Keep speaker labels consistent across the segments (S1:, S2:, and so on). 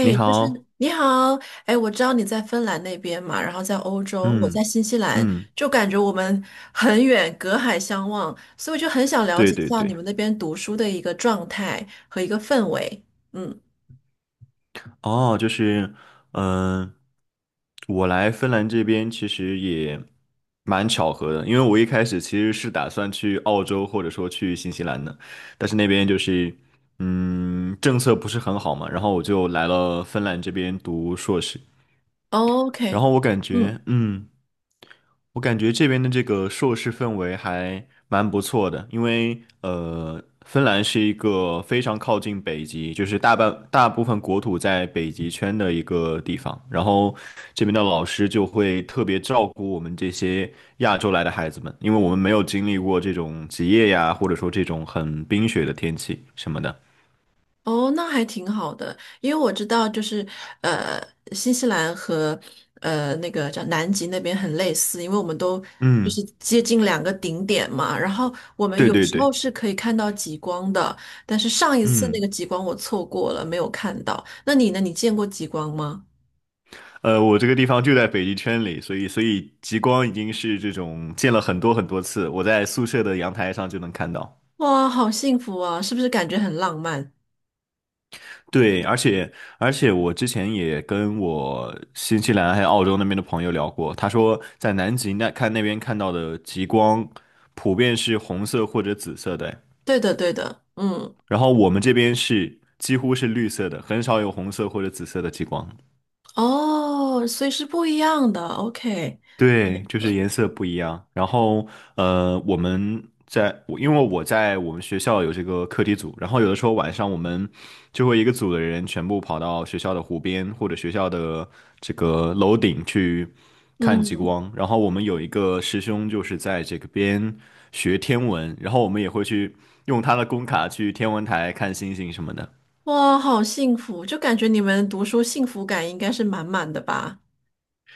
S1: 你
S2: 就是
S1: 好。
S2: 你好。哎，我知道你在芬兰那边嘛，然后在欧洲，我在
S1: 嗯
S2: 新西兰，
S1: 嗯，
S2: 就感觉我们很远，隔海相望，所以我就很想了
S1: 对
S2: 解一
S1: 对
S2: 下
S1: 对。
S2: 你们那边读书的一个状态和一个氛围。嗯
S1: 哦，就是，嗯、我来芬兰这边其实也蛮巧合的，因为我一开始其实是打算去澳洲或者说去新西兰的，但是那边政策不是很好嘛，然后我就来了芬兰这边读硕士，然
S2: ，OK，
S1: 后我感
S2: 嗯。
S1: 觉。嗯。我感觉这边的这个硕士氛围还蛮不错的，因为芬兰是一个非常靠近北极，就是大部分国土在北极圈的一个地方，然后这边的老师就会特别照顾我们这些亚洲来的孩子们，因为我们没有经历过这种极夜呀，或者说这种很冰雪的天气什么的。
S2: 哦，那还挺好的，因为我知道，就是呃，新西兰和那个叫南极那边很类似，因为我们都就
S1: 嗯，
S2: 是接近两个顶点嘛。然后我们
S1: 对
S2: 有
S1: 对
S2: 时候
S1: 对。
S2: 是可以看到极光的，但是上一次那
S1: 嗯。
S2: 个极光我错过了，没有看到。那你呢？你见过极光吗？
S1: 我这个地方就在北极圈里，所以极光已经是这种见了很多很多次，我在宿舍的阳台上就能看到。
S2: 哇，好幸福啊！是不是感觉很浪漫？
S1: 对，而且我之前也跟我新西兰还有澳洲那边的朋友聊过，他说在南极那看那边看到的极光，普遍是红色或者紫色的，
S2: 对的，对的，嗯。
S1: 然后我们这边是几乎是绿色的，很少有红色或者紫色的极光。
S2: 哦，所以是不一样的。OK，
S1: 对，就是颜色不一样。然后，呃，我们在，我因为我在我们学校有这个课题组，然后有的时候晚上我们就会一个组的人全部跑到学校的湖边或者学校的这个楼顶去看极
S2: 嗯。
S1: 光。然后我们有一个师兄就是在这个边学天文，然后我们也会去用他的工卡去天文台看星星什么的。
S2: 哇，好幸福，就感觉你们读书幸福感应该是满满的吧？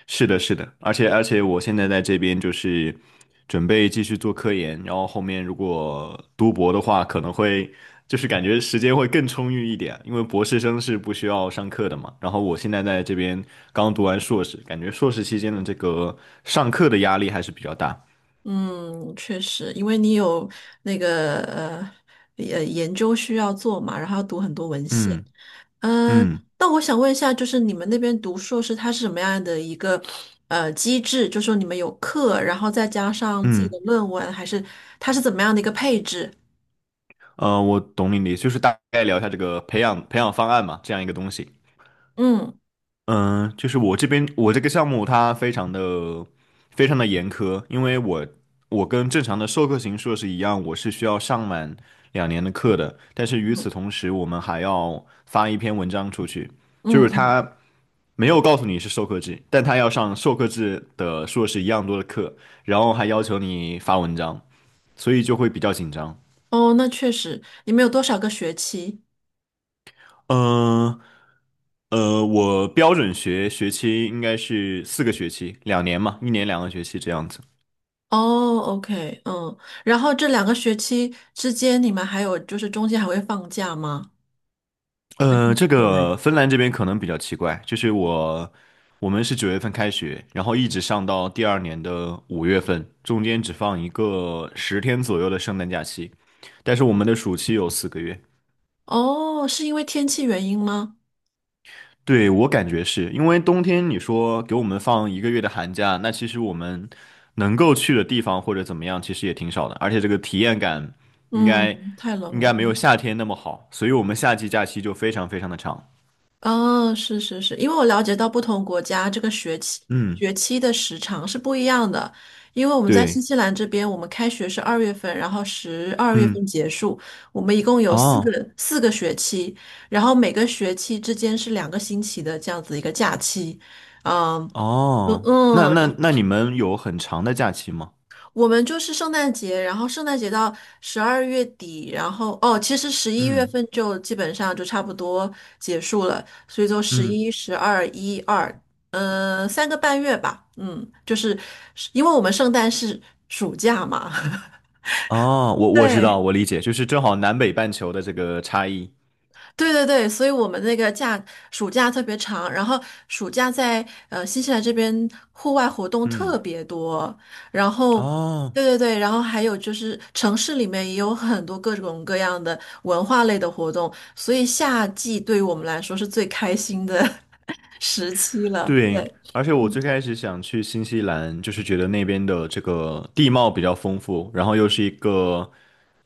S1: 是的，是的，而且我现在在这边就是准备继续做科研，然后后面如果读博的话，可能会就是感觉时间会更充裕一点，因为博士生是不需要上课的嘛。然后我现在在这边刚读完硕士，感觉硕士期间的这个上课的压力还是比较大。
S2: 嗯，确实，因为你有那个研究需要做嘛，然后要读很多文献。
S1: 嗯
S2: 嗯，
S1: 嗯
S2: 那我想问一下，就是你们那边读硕士，它是什么样的一个机制？就说你们有课，然后再加上自己
S1: 嗯，
S2: 的论文，还是它是怎么样的一个配置？
S1: 我懂你的意思，就是大概聊一下这个培养方案嘛，这样一个东西。
S2: 嗯
S1: 嗯，就是我这个项目它非常的严苛，因为我跟正常的授课型硕士一样，我是需要上满两年的课的，但是与此
S2: 嗯
S1: 同时，我们还要发一篇文章出去，就
S2: 嗯
S1: 是
S2: 嗯，
S1: 他没有告诉你是授课制，但他要上授课制的硕士一样多的课，然后还要求你发文章，所以就会比较紧张。
S2: 哦，那确实，你们有多少个学期？
S1: 嗯，我标准学期应该是四个学期，两年嘛，一年两个学期这样子。
S2: 哦，OK，嗯，然后这两个学期之间，你们还有就是中间还会放假吗？
S1: 这
S2: 对。
S1: 个芬兰这边可能比较奇怪，我们是九月份开学，然后一直上到第二年的五月份，中间只放一个十天左右的圣诞假期，但是我们的暑期有四个月。
S2: 哦，是因为天气原因吗？
S1: 对，我感觉是因为冬天，你说给我们放一个月的寒假，那其实我们能够去的地方或者怎么样，其实也挺少的，而且这个体验感应该
S2: 嗯，太冷
S1: 应该
S2: 了。
S1: 没有夏天那么好，所以我们夏季假期就非常的长。
S2: 哦，是是是，因为我了解到不同国家这个学期
S1: 嗯，
S2: 的时长是不一样的，因为我们在新
S1: 对，
S2: 西兰这边，我们开学是二月份，然后十二月份
S1: 嗯，
S2: 结束，我们一共有四
S1: 哦
S2: 个学期，然后每个学期之间是两个星期的这样子一个假期。嗯嗯，
S1: 哦，
S2: 嗯，
S1: 那你们有很长的假期吗？
S2: 我们就是圣诞节，然后圣诞节到十二月底，然后哦，其实十一月
S1: 嗯
S2: 份就基本上就差不多结束了，所以就十
S1: 嗯，
S2: 一、十二、一二，嗯，三个半月吧，嗯，就是因为我们圣诞是暑假嘛。
S1: 哦，我知道，
S2: 对，
S1: 我理解，就是正好南北半球的这个差异。
S2: 对对对，所以我们那个暑假特别长，然后暑假在新西兰这边户外活动特
S1: 嗯，
S2: 别多，然后
S1: 哦
S2: 对对对，然后还有就是城市里面也有很多各种各样的文化类的活动，所以夏季对于我们来说是最开心的 时期了。
S1: 对，
S2: 对，
S1: 而且我
S2: 嗯，
S1: 最开始想去新西兰，就是觉得那边的这个地貌比较丰富，然后又是一个，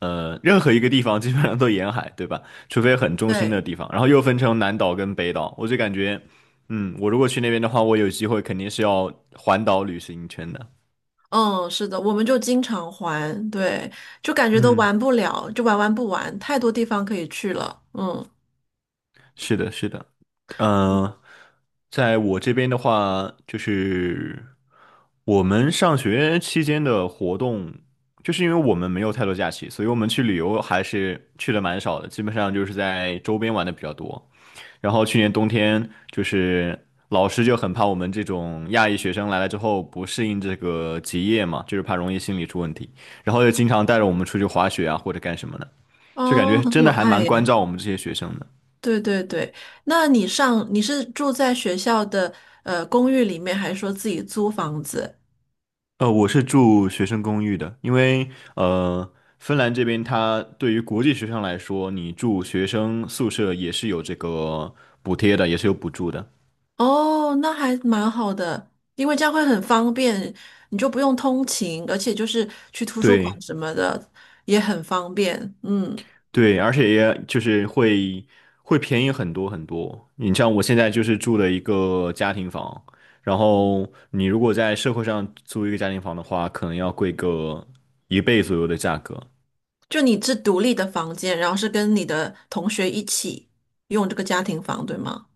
S1: 任何一个地方基本上都沿海，对吧？除非很中心的
S2: 对，
S1: 地方，然后又分成南岛跟北岛，我就感觉，嗯，我如果去那边的话，我有机会肯定是要环岛旅行一圈的。
S2: 嗯，是的，我们就经常玩，对，就感觉都
S1: 嗯。
S2: 玩不了，就玩不完，太多地方可以去了，嗯。
S1: 是的，是的。嗯、在我这边的话，就是我们上学期间的活动，就是因为我们没有太多假期，所以我们去旅游还是去的蛮少的，基本上就是在周边玩的比较多。然后去年冬天，就是老师就很怕我们这种亚裔学生来了之后不适应这个极夜嘛，就是怕容易心理出问题，然后就经常带着我们出去滑雪啊或者干什么的，就感
S2: 哦，
S1: 觉
S2: 很
S1: 真
S2: 有
S1: 的还
S2: 爱
S1: 蛮关
S2: 耶。
S1: 照我们这些学生的。
S2: 对对对，那你是住在学校的公寓里面，还是说自己租房子？
S1: 我是住学生公寓的，因为呃，芬兰这边它对于国际学生来说，你住学生宿舍也是有这个补贴的，也是有补助的。
S2: 哦，那还蛮好的，因为这样会很方便，你就不用通勤，而且就是去图书馆
S1: 对
S2: 什么的也很方便。嗯，
S1: 对，而且也就是会便宜很多。你像我现在就是住的一个家庭房，然后你如果在社会上租一个家庭房的话，可能要贵个一倍左右的价格。
S2: 就你是独立的房间，然后是跟你的同学一起用这个家庭房，对吗？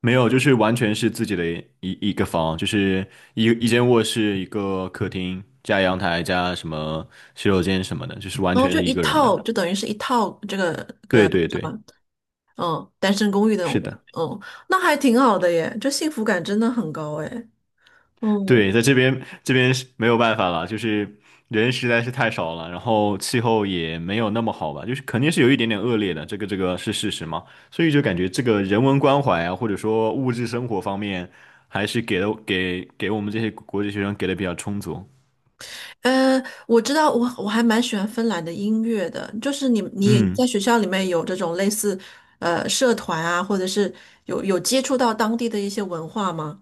S1: 没有，就是完全是自己的一个房，就是一间卧室、一个客厅加阳台加什么洗手间什么的，就是完
S2: 然后
S1: 全
S2: 就
S1: 是一
S2: 一
S1: 个人
S2: 套，
S1: 的。
S2: 就等于是一套这个
S1: 对对
S2: 什么？
S1: 对，
S2: 嗯，单身公寓那种
S1: 是
S2: 感觉。
S1: 的。
S2: 嗯，那还挺好的耶，这幸福感真的很高哎。嗯，
S1: 对，在这边是没有办法了，就是人实在是太少了，然后气候也没有那么好吧，就是肯定是有一点点恶劣的，这个是事实嘛，所以就感觉这个人文关怀啊，或者说物质生活方面，还是给了给给我们这些国际学生给的比较充足。
S2: 呃，我知道我还蛮喜欢芬兰的音乐的，就是你也在
S1: 嗯。
S2: 学校里面有这种类似社团啊，或者是有接触到当地的一些文化吗？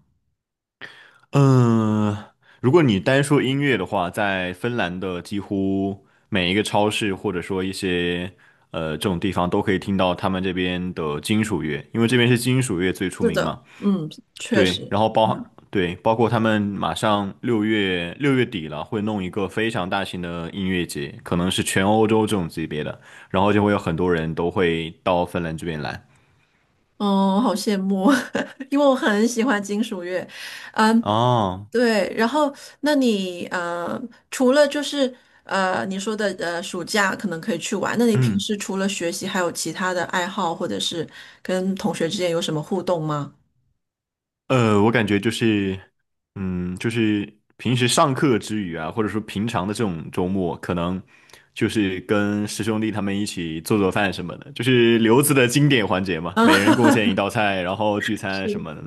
S1: 嗯，如果你单说音乐的话，在芬兰的几乎每一个超市，或者说一些这种地方，都可以听到他们这边的金属乐，因为这边是金属乐最出
S2: 是
S1: 名
S2: 的，
S1: 嘛。
S2: 嗯，确
S1: 对，
S2: 实。
S1: 然后
S2: 嗯。
S1: 包括他们马上六月底了，会弄一个非常大型的音乐节，可能是全欧洲这种级别的，然后就会有很多人都会到芬兰这边来。
S2: 哦，好羡慕，因为我很喜欢金属乐。嗯，
S1: 哦，
S2: 对，然后那你除了就是你说的暑假可能可以去玩，那你平
S1: 嗯。
S2: 时除了学习，还有其他的爱好，或者是跟同学之间有什么互动吗？
S1: 我感觉嗯，就是平时上课之余啊，或者说平常的这种周末，可能就是跟师兄弟他们一起做做饭什么的，就是留子的经典环节嘛，
S2: 啊，
S1: 每人贡献一 道菜，然后聚餐什么的，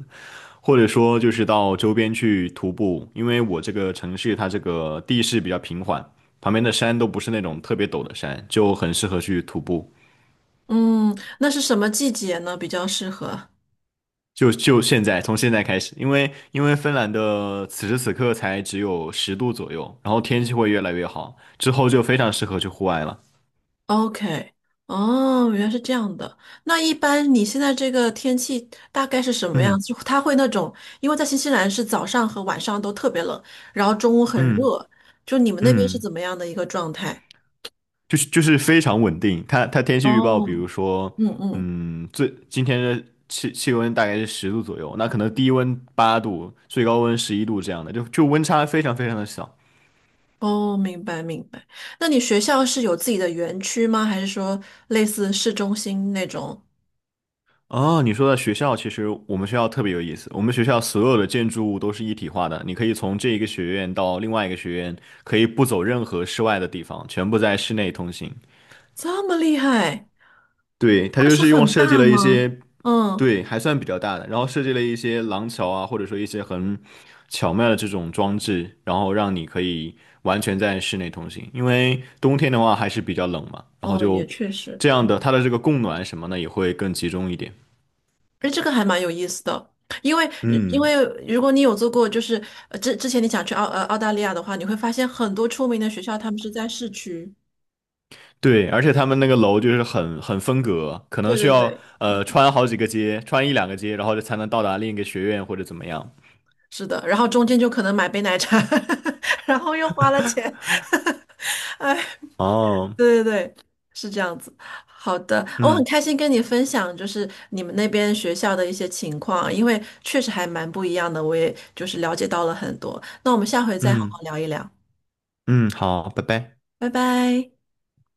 S1: 或者说就是到周边去徒步，因为我这个城市它这个地势比较平缓，旁边的山都不是那种特别陡的山，就很适合去徒步。
S2: 嗯，那是什么季节呢？比较适合
S1: 就现在，从现在开始，因为芬兰的此时此刻才只有十度左右，然后天气会越来越好，之后就非常适合去户外了。
S2: ？OK，哦，原来是这样的。那一般你现在这个天气大概是什么样
S1: 嗯
S2: 子？它会那种，因为在新西兰是早上和晚上都特别冷，然后中午很
S1: 嗯
S2: 热，就你们那边是
S1: 嗯，
S2: 怎么样的一个状态？
S1: 就是非常稳定。它天气预报，
S2: 哦，
S1: 比如说，
S2: 嗯嗯。
S1: 今天的气温大概是十度左右，那可能低温八度，最高温十一度这样的，就就温差非常的小。
S2: 哦，明白明白。那你学校是有自己的园区吗？还是说类似市中心那种？
S1: 哦，你说的学校，其实我们学校特别有意思。我们学校所有的建筑物都是一体化的，你可以从这一个学院到另外一个学院，可以不走任何室外的地方，全部在室内通行。
S2: 这么厉害，
S1: 对，它
S2: 那
S1: 就
S2: 是
S1: 是用
S2: 很
S1: 设计
S2: 大
S1: 了一
S2: 吗？
S1: 些。
S2: 嗯，
S1: 对，还算比较大的，然后设计了一些廊桥啊，或者说一些很巧妙的这种装置，然后让你可以完全在室内通行。因为冬天的话还是比较冷嘛，然后
S2: 哦，也
S1: 就
S2: 确实。
S1: 这样的，它的这个供暖什么的也会更集中一点。
S2: 哎，这个还蛮有意思的。因为因为
S1: 嗯。
S2: 如果你有做过，就是之前你想去澳大利亚的话，你会发现很多出名的学校他们是在市区。
S1: 对，而且他们那个楼就是很分隔，可能
S2: 对
S1: 需
S2: 对
S1: 要
S2: 对，
S1: 穿好几个街，穿一两个街，然后才能到达另一个学院或者怎么样。
S2: 是的，然后中间就可能买杯奶茶，然后又花了钱，哎。
S1: 哦，
S2: 对对对，是这样子。好的，哦我很
S1: 嗯
S2: 开心跟你分享，就是你们那边学校的一些情况啊，因为确实还蛮不一样的，我也就是了解到了很多。那我们下回再好好
S1: 嗯
S2: 聊一聊，
S1: 嗯，好，拜拜。
S2: 拜拜。